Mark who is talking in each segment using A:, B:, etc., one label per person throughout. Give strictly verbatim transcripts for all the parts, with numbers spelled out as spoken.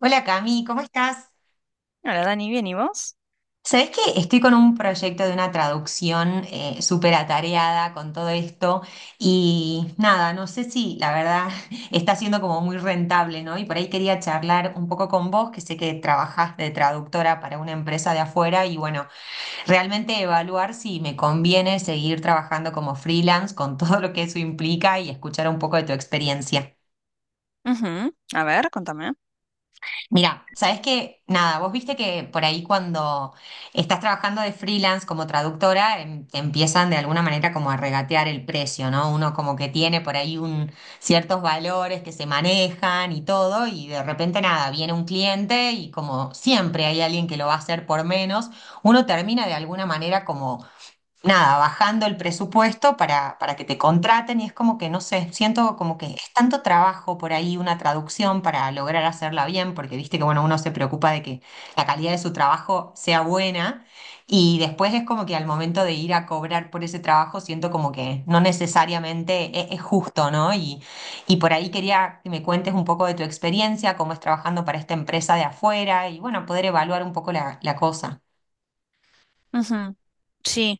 A: Hola Cami, ¿cómo estás?
B: Hola Dani, ¿bien y vos?
A: Sabés que estoy con un proyecto de una traducción eh, súper atareada con todo esto y nada, no sé si la verdad está siendo como muy rentable, ¿no? Y por ahí quería charlar un poco con vos, que sé que trabajás de traductora para una empresa de afuera y bueno, realmente evaluar si me conviene seguir trabajando como freelance con todo lo que eso implica y escuchar un poco de tu experiencia.
B: Ujú. A ver, contame.
A: Mira, sabes que nada, vos viste que por ahí cuando estás trabajando de freelance como traductora, em- te empiezan de alguna manera como a regatear el precio, ¿no? Uno como que tiene por ahí un, ciertos valores que se manejan y todo, y de repente nada, viene un cliente y como siempre hay alguien que lo va a hacer por menos, uno termina de alguna manera como nada, bajando el presupuesto para, para que te contraten y es como que, no sé, siento como que es tanto trabajo por ahí una traducción para lograr hacerla bien, porque viste que, bueno, uno se preocupa de que la calidad de su trabajo sea buena y después es como que al momento de ir a cobrar por ese trabajo siento como que no necesariamente es, es justo, ¿no? Y, y por ahí quería que me cuentes un poco de tu experiencia, cómo es trabajando para esta empresa de afuera y, bueno, poder evaluar un poco la, la cosa.
B: Ujú. Sí,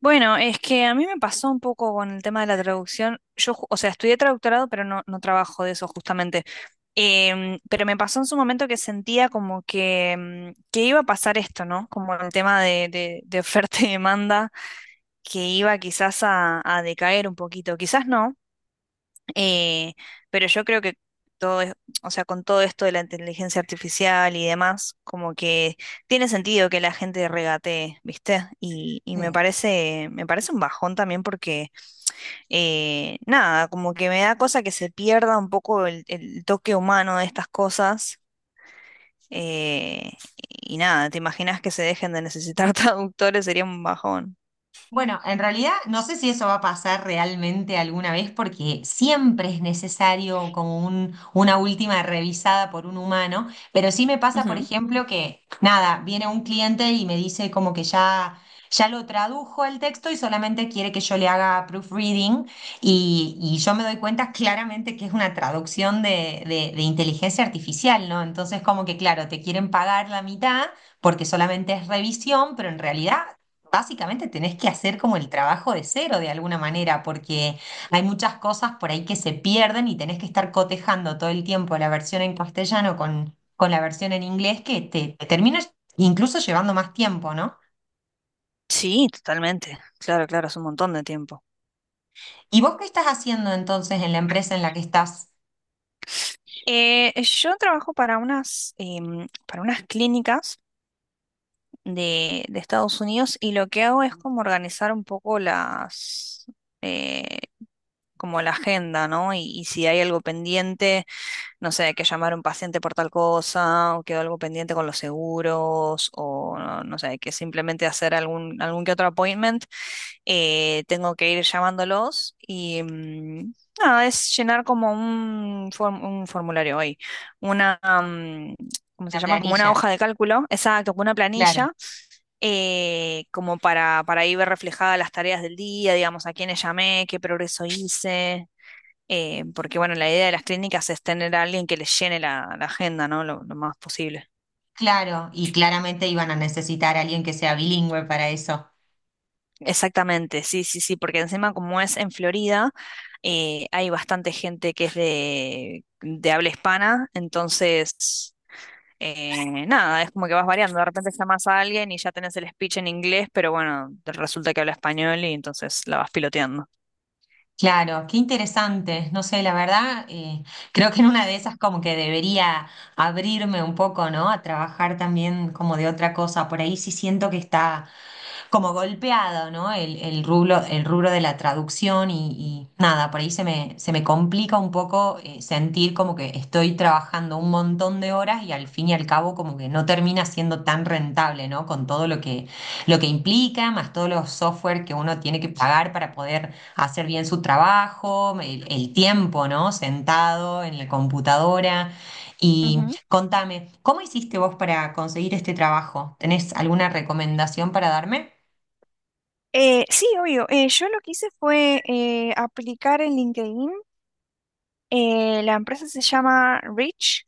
B: bueno, es que a mí me pasó un poco con el tema de la traducción. Yo, ju- o sea, estudié traductorado, pero no, no trabajo de eso justamente. Em, pero me pasó en su momento que sentía como que, em, que iba a pasar esto, ¿no? Como el tema de, de- de oferta y demanda, que iba quizás a, a decaer un poquito. Quizás no. Eh, pero yo creo que todo es, o sea, con todo esto de la inteligencia artificial y demás, como que tiene sentido que la gente regatee, ¿viste? Y, y me parece, me parece un bajón también porque eh, nada, como que me da cosa que se pierda un poco el, el toque humano de estas cosas. eh, y nada, ¿te imaginas que se dejen de necesitar traductores? Sería un bajón.
A: Bueno, en realidad no sé si eso va a pasar realmente alguna vez porque siempre es necesario como un, una última revisada por un humano, pero sí me pasa, por
B: Ujú.
A: ejemplo, que nada, viene un cliente y me dice como que ya, ya lo tradujo el texto y solamente quiere que yo le haga proofreading y, y yo me doy cuenta claramente que es una traducción de, de de inteligencia artificial, ¿no? Entonces como que claro, te quieren pagar la mitad porque solamente es revisión, pero en realidad... Básicamente tenés que hacer como el trabajo de cero de alguna manera, porque hay muchas cosas por ahí que se pierden y tenés que estar cotejando todo el tiempo la versión en castellano con, con la versión en inglés que te, te termina incluso llevando más tiempo, ¿no?
B: Sí, totalmente. Claro, claro, es un montón de tiempo.
A: ¿Y vos qué estás haciendo entonces en la empresa en la que estás?
B: Eh, yo trabajo para unas, em, para unas clínicas de, de Estados Unidos, y lo que hago es como organizar un poco las, eh, como la agenda, ¿no? Y, y si hay algo pendiente, no sé, que llamar a un paciente por tal cosa, o quedó algo pendiente con los seguros, o no, no sé, que simplemente hacer algún, algún que otro appointment. Eh, tengo que ir llamándolos y mm, nada, es llenar como un, form- un formulario hoy, una, mm, ¿cómo se
A: La
B: llama? Como una
A: planilla.
B: hoja de cálculo, exacto, como una
A: Claro,
B: planilla, eh, como para, para ahí ver reflejadas las tareas del día, digamos, a quiénes llamé, qué progreso hice. Eh, porque bueno, la idea de las clínicas es tener a alguien que les llene la, la agenda, ¿no? Lo, lo más posible.
A: claro, y claramente iban a necesitar a alguien que sea bilingüe para eso.
B: Exactamente, sí, sí, sí, porque encima como es en Florida, eh, hay bastante gente que es de, de habla hispana. Entonces, eh, nada, es como que vas variando, de repente llamas a alguien y ya tenés el speech en inglés, pero bueno, resulta que habla español y entonces la vas piloteando.
A: Claro, qué interesante. No sé, la verdad, eh, creo que en una de esas como que debería abrirme un poco, ¿no? A trabajar también como de otra cosa. Por ahí sí siento que está como golpeado, ¿no? El, el rubro, el rubro de la traducción y, y nada, por ahí se me, se me complica un poco eh, sentir como que estoy trabajando un montón de horas y al fin y al cabo como que no termina siendo tan rentable, ¿no? Con todo lo que, lo que implica, más todos los software que uno tiene que pagar para poder hacer bien su trabajo, el, el tiempo, ¿no? Sentado en la computadora. Y
B: Ujú.
A: contame, ¿cómo hiciste vos para conseguir este trabajo? ¿Tenés alguna recomendación para darme?
B: Eh, sí, obvio. Eh, yo lo que hice fue eh, aplicar en LinkedIn. Eh, la empresa se llama Rich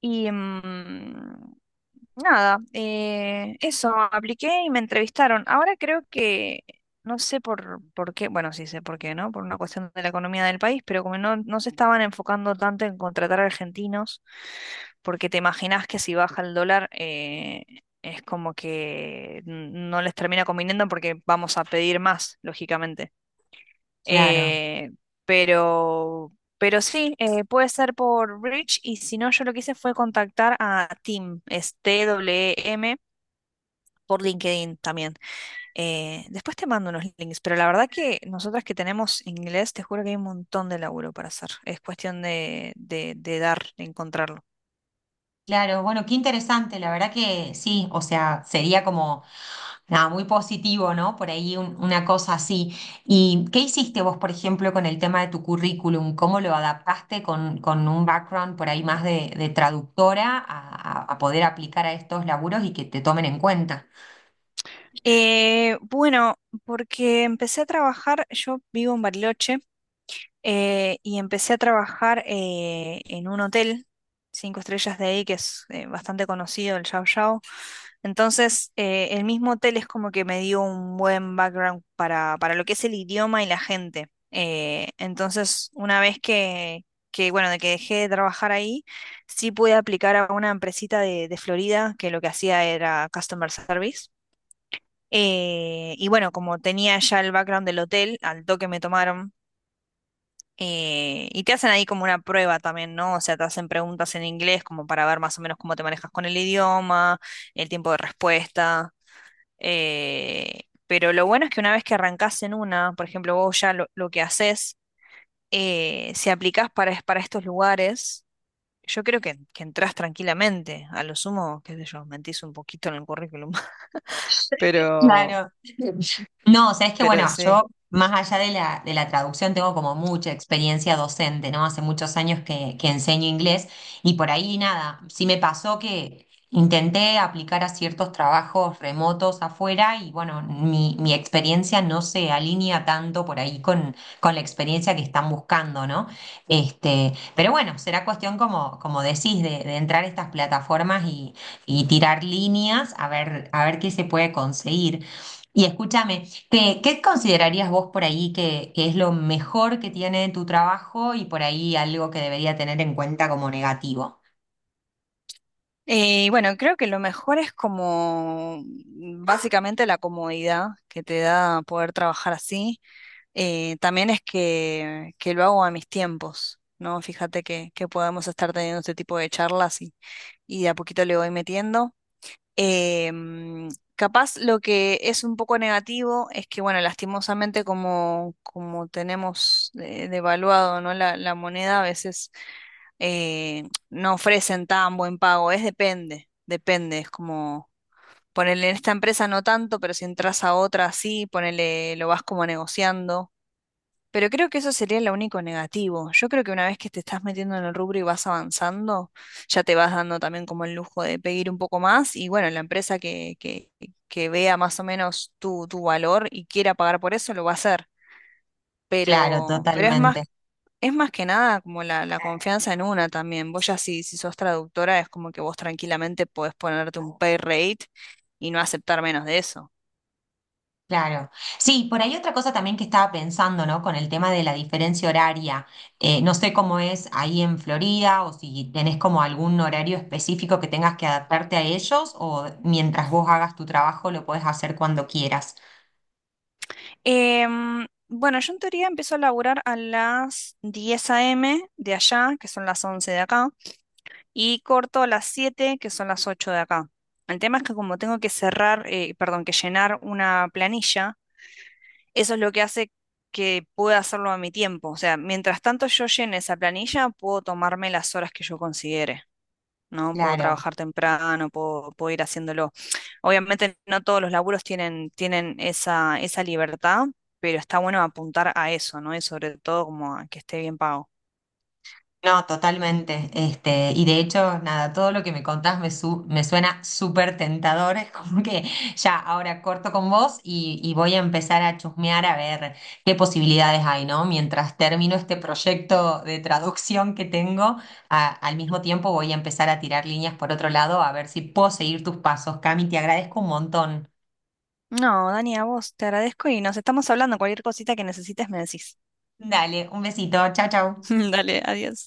B: y mm, nada, eh, eso, apliqué y me entrevistaron. Ahora creo que, no sé por, por qué, bueno, sí sé por qué, ¿no? Por una cuestión de la economía del país, pero como no, no se estaban enfocando tanto en contratar argentinos, porque te imaginás que si baja el dólar, eh, es como que n- no les termina conviniendo porque vamos a pedir más, lógicamente.
A: Claro,
B: Eh, pero, pero sí, eh, puede ser por Bridge, y si no, yo lo que hice fue contactar a Tim, es t W M por LinkedIn también. Eh, después te mando unos links, pero la verdad que nosotras que tenemos inglés, te juro que hay un montón de laburo para hacer. Es cuestión de, de, de dar, de encontrarlo.
A: claro. Bueno, qué interesante. La verdad que sí, o sea, sería como nada, muy positivo, ¿no? Por ahí un- una cosa así. ¿Y qué hiciste vos, por ejemplo, con el tema de tu currículum? ¿Cómo lo adaptaste con, con un background por ahí más de, de traductora a, a- a poder aplicar a estos laburos y que te tomen en cuenta?
B: Eh, bueno, porque empecé a trabajar, yo vivo en Bariloche. Eh, y empecé a trabajar eh, en un hotel, cinco estrellas de ahí, que es eh, bastante conocido, el Yao Yao. Entonces, eh, el mismo hotel es como que me dio un buen background para, para lo que es el idioma y la gente. Eh, entonces, una vez que, que, bueno, de que dejé de trabajar ahí, sí pude aplicar a una empresita de, de Florida que lo que hacía era customer service. Eh, y bueno, como tenía ya el background del hotel, al toque me tomaron. Eh, y te hacen ahí como una prueba también, ¿no? O sea, te hacen preguntas en inglés como para ver más o menos cómo te manejas con el idioma, el tiempo de respuesta. Eh, pero lo bueno es que una vez que arrancás en una, por ejemplo, vos ya lo, lo que haces, eh, si aplicás para, es- para estos lugares, yo creo que, que entrás tranquilamente. A lo sumo, qué sé yo, mentís un poquito en el currículum. Pero,
A: Claro. No, sabes que
B: pero
A: bueno,
B: sí.
A: yo más allá de la, de la traducción tengo como mucha experiencia docente, ¿no? Hace muchos años que, que enseño inglés y por ahí nada, sí me pasó que intenté aplicar a ciertos trabajos remotos afuera y bueno, mi, mi experiencia no se alinea tanto por ahí con, con la experiencia que están buscando, ¿no? Este, pero bueno, será cuestión como, como decís, de, de entrar a estas plataformas y tirar líneas a ver, a ver qué se puede conseguir. Y escúchame, ¿qué, qué considerarías vos por ahí que, que es lo mejor que tiene tu trabajo y por ahí algo que debería tener en cuenta como negativo?
B: Eh, bueno, creo que lo mejor es como mm, básicamente la comodidad que te da poder trabajar así. Eh, también es que, que lo hago a mis tiempos, ¿no? Fíjate que, que podemos estar teniendo este tipo de charlas, y, y de a poquito le voy metiendo. Em, Capaz lo que es un poco negativo es que, bueno, lastimosamente como, como tenemos eh, devaluado, ¿no?, La, la moneda, a veces eh, no ofrecen tan buen pago. Es depende, depende. Es como ponerle en esta empresa no tanto, pero si entras a otra sí, ponele, lo vas como negociando. Pero creo que eso sería lo único negativo. Yo creo que una vez que te estás metiendo en el rubro y vas avanzando, ya te vas dando también como el lujo de pedir un poco más, y bueno, la empresa que, que, que vea más o menos tu, tu valor y quiera pagar por eso, lo va a hacer.
A: Claro,
B: Pero, pero es más,
A: totalmente.
B: es más que nada como la, la confianza en una también. Vos ya si, si sos traductora es como que vos tranquilamente podés ponerte un pay rate y no aceptar menos de eso.
A: Claro. Sí, por ahí otra cosa también que estaba pensando, ¿no? Con el tema de la diferencia horaria. Eh, no sé cómo es ahí en Florida o si tenés como algún horario específico que tengas que adaptarte a ellos o mientras vos hagas tu trabajo lo podés hacer cuando quieras.
B: Em, bueno, yo en teoría empiezo a laburar a las diez a m de allá, que son las once de acá, y corto a las siete, que son las ocho de acá. El tema es que como tengo que cerrar, eh, perdón, que llenar una planilla, eso es lo que hace que pueda hacerlo a mi tiempo. O sea, mientras tanto yo llene esa planilla, puedo tomarme las horas que yo considere, ¿no? Puedo
A: Claro.
B: trabajar temprano, puedo, puedo ir haciéndolo. Obviamente no todos los laburos tienen, tienen esa, esa libertad, pero está bueno apuntar a eso, ¿no? Y sobre todo como a que esté bien pago.
A: No, totalmente. Este, y de hecho, nada, todo lo que me contás me, su- me suena súper tentador. Es como que ya ahora corto con vos y, y voy a empezar a chusmear a ver qué posibilidades hay, ¿no? Mientras termino este proyecto de traducción que tengo, a- al mismo tiempo voy a empezar a tirar líneas por otro lado a ver si puedo seguir tus pasos. Cami, te agradezco un montón.
B: No, Dani, a vos te agradezco y nos estamos hablando. Cualquier cosita que necesites me decís.
A: Dale, un besito. Chau, chau.
B: Dale, adiós.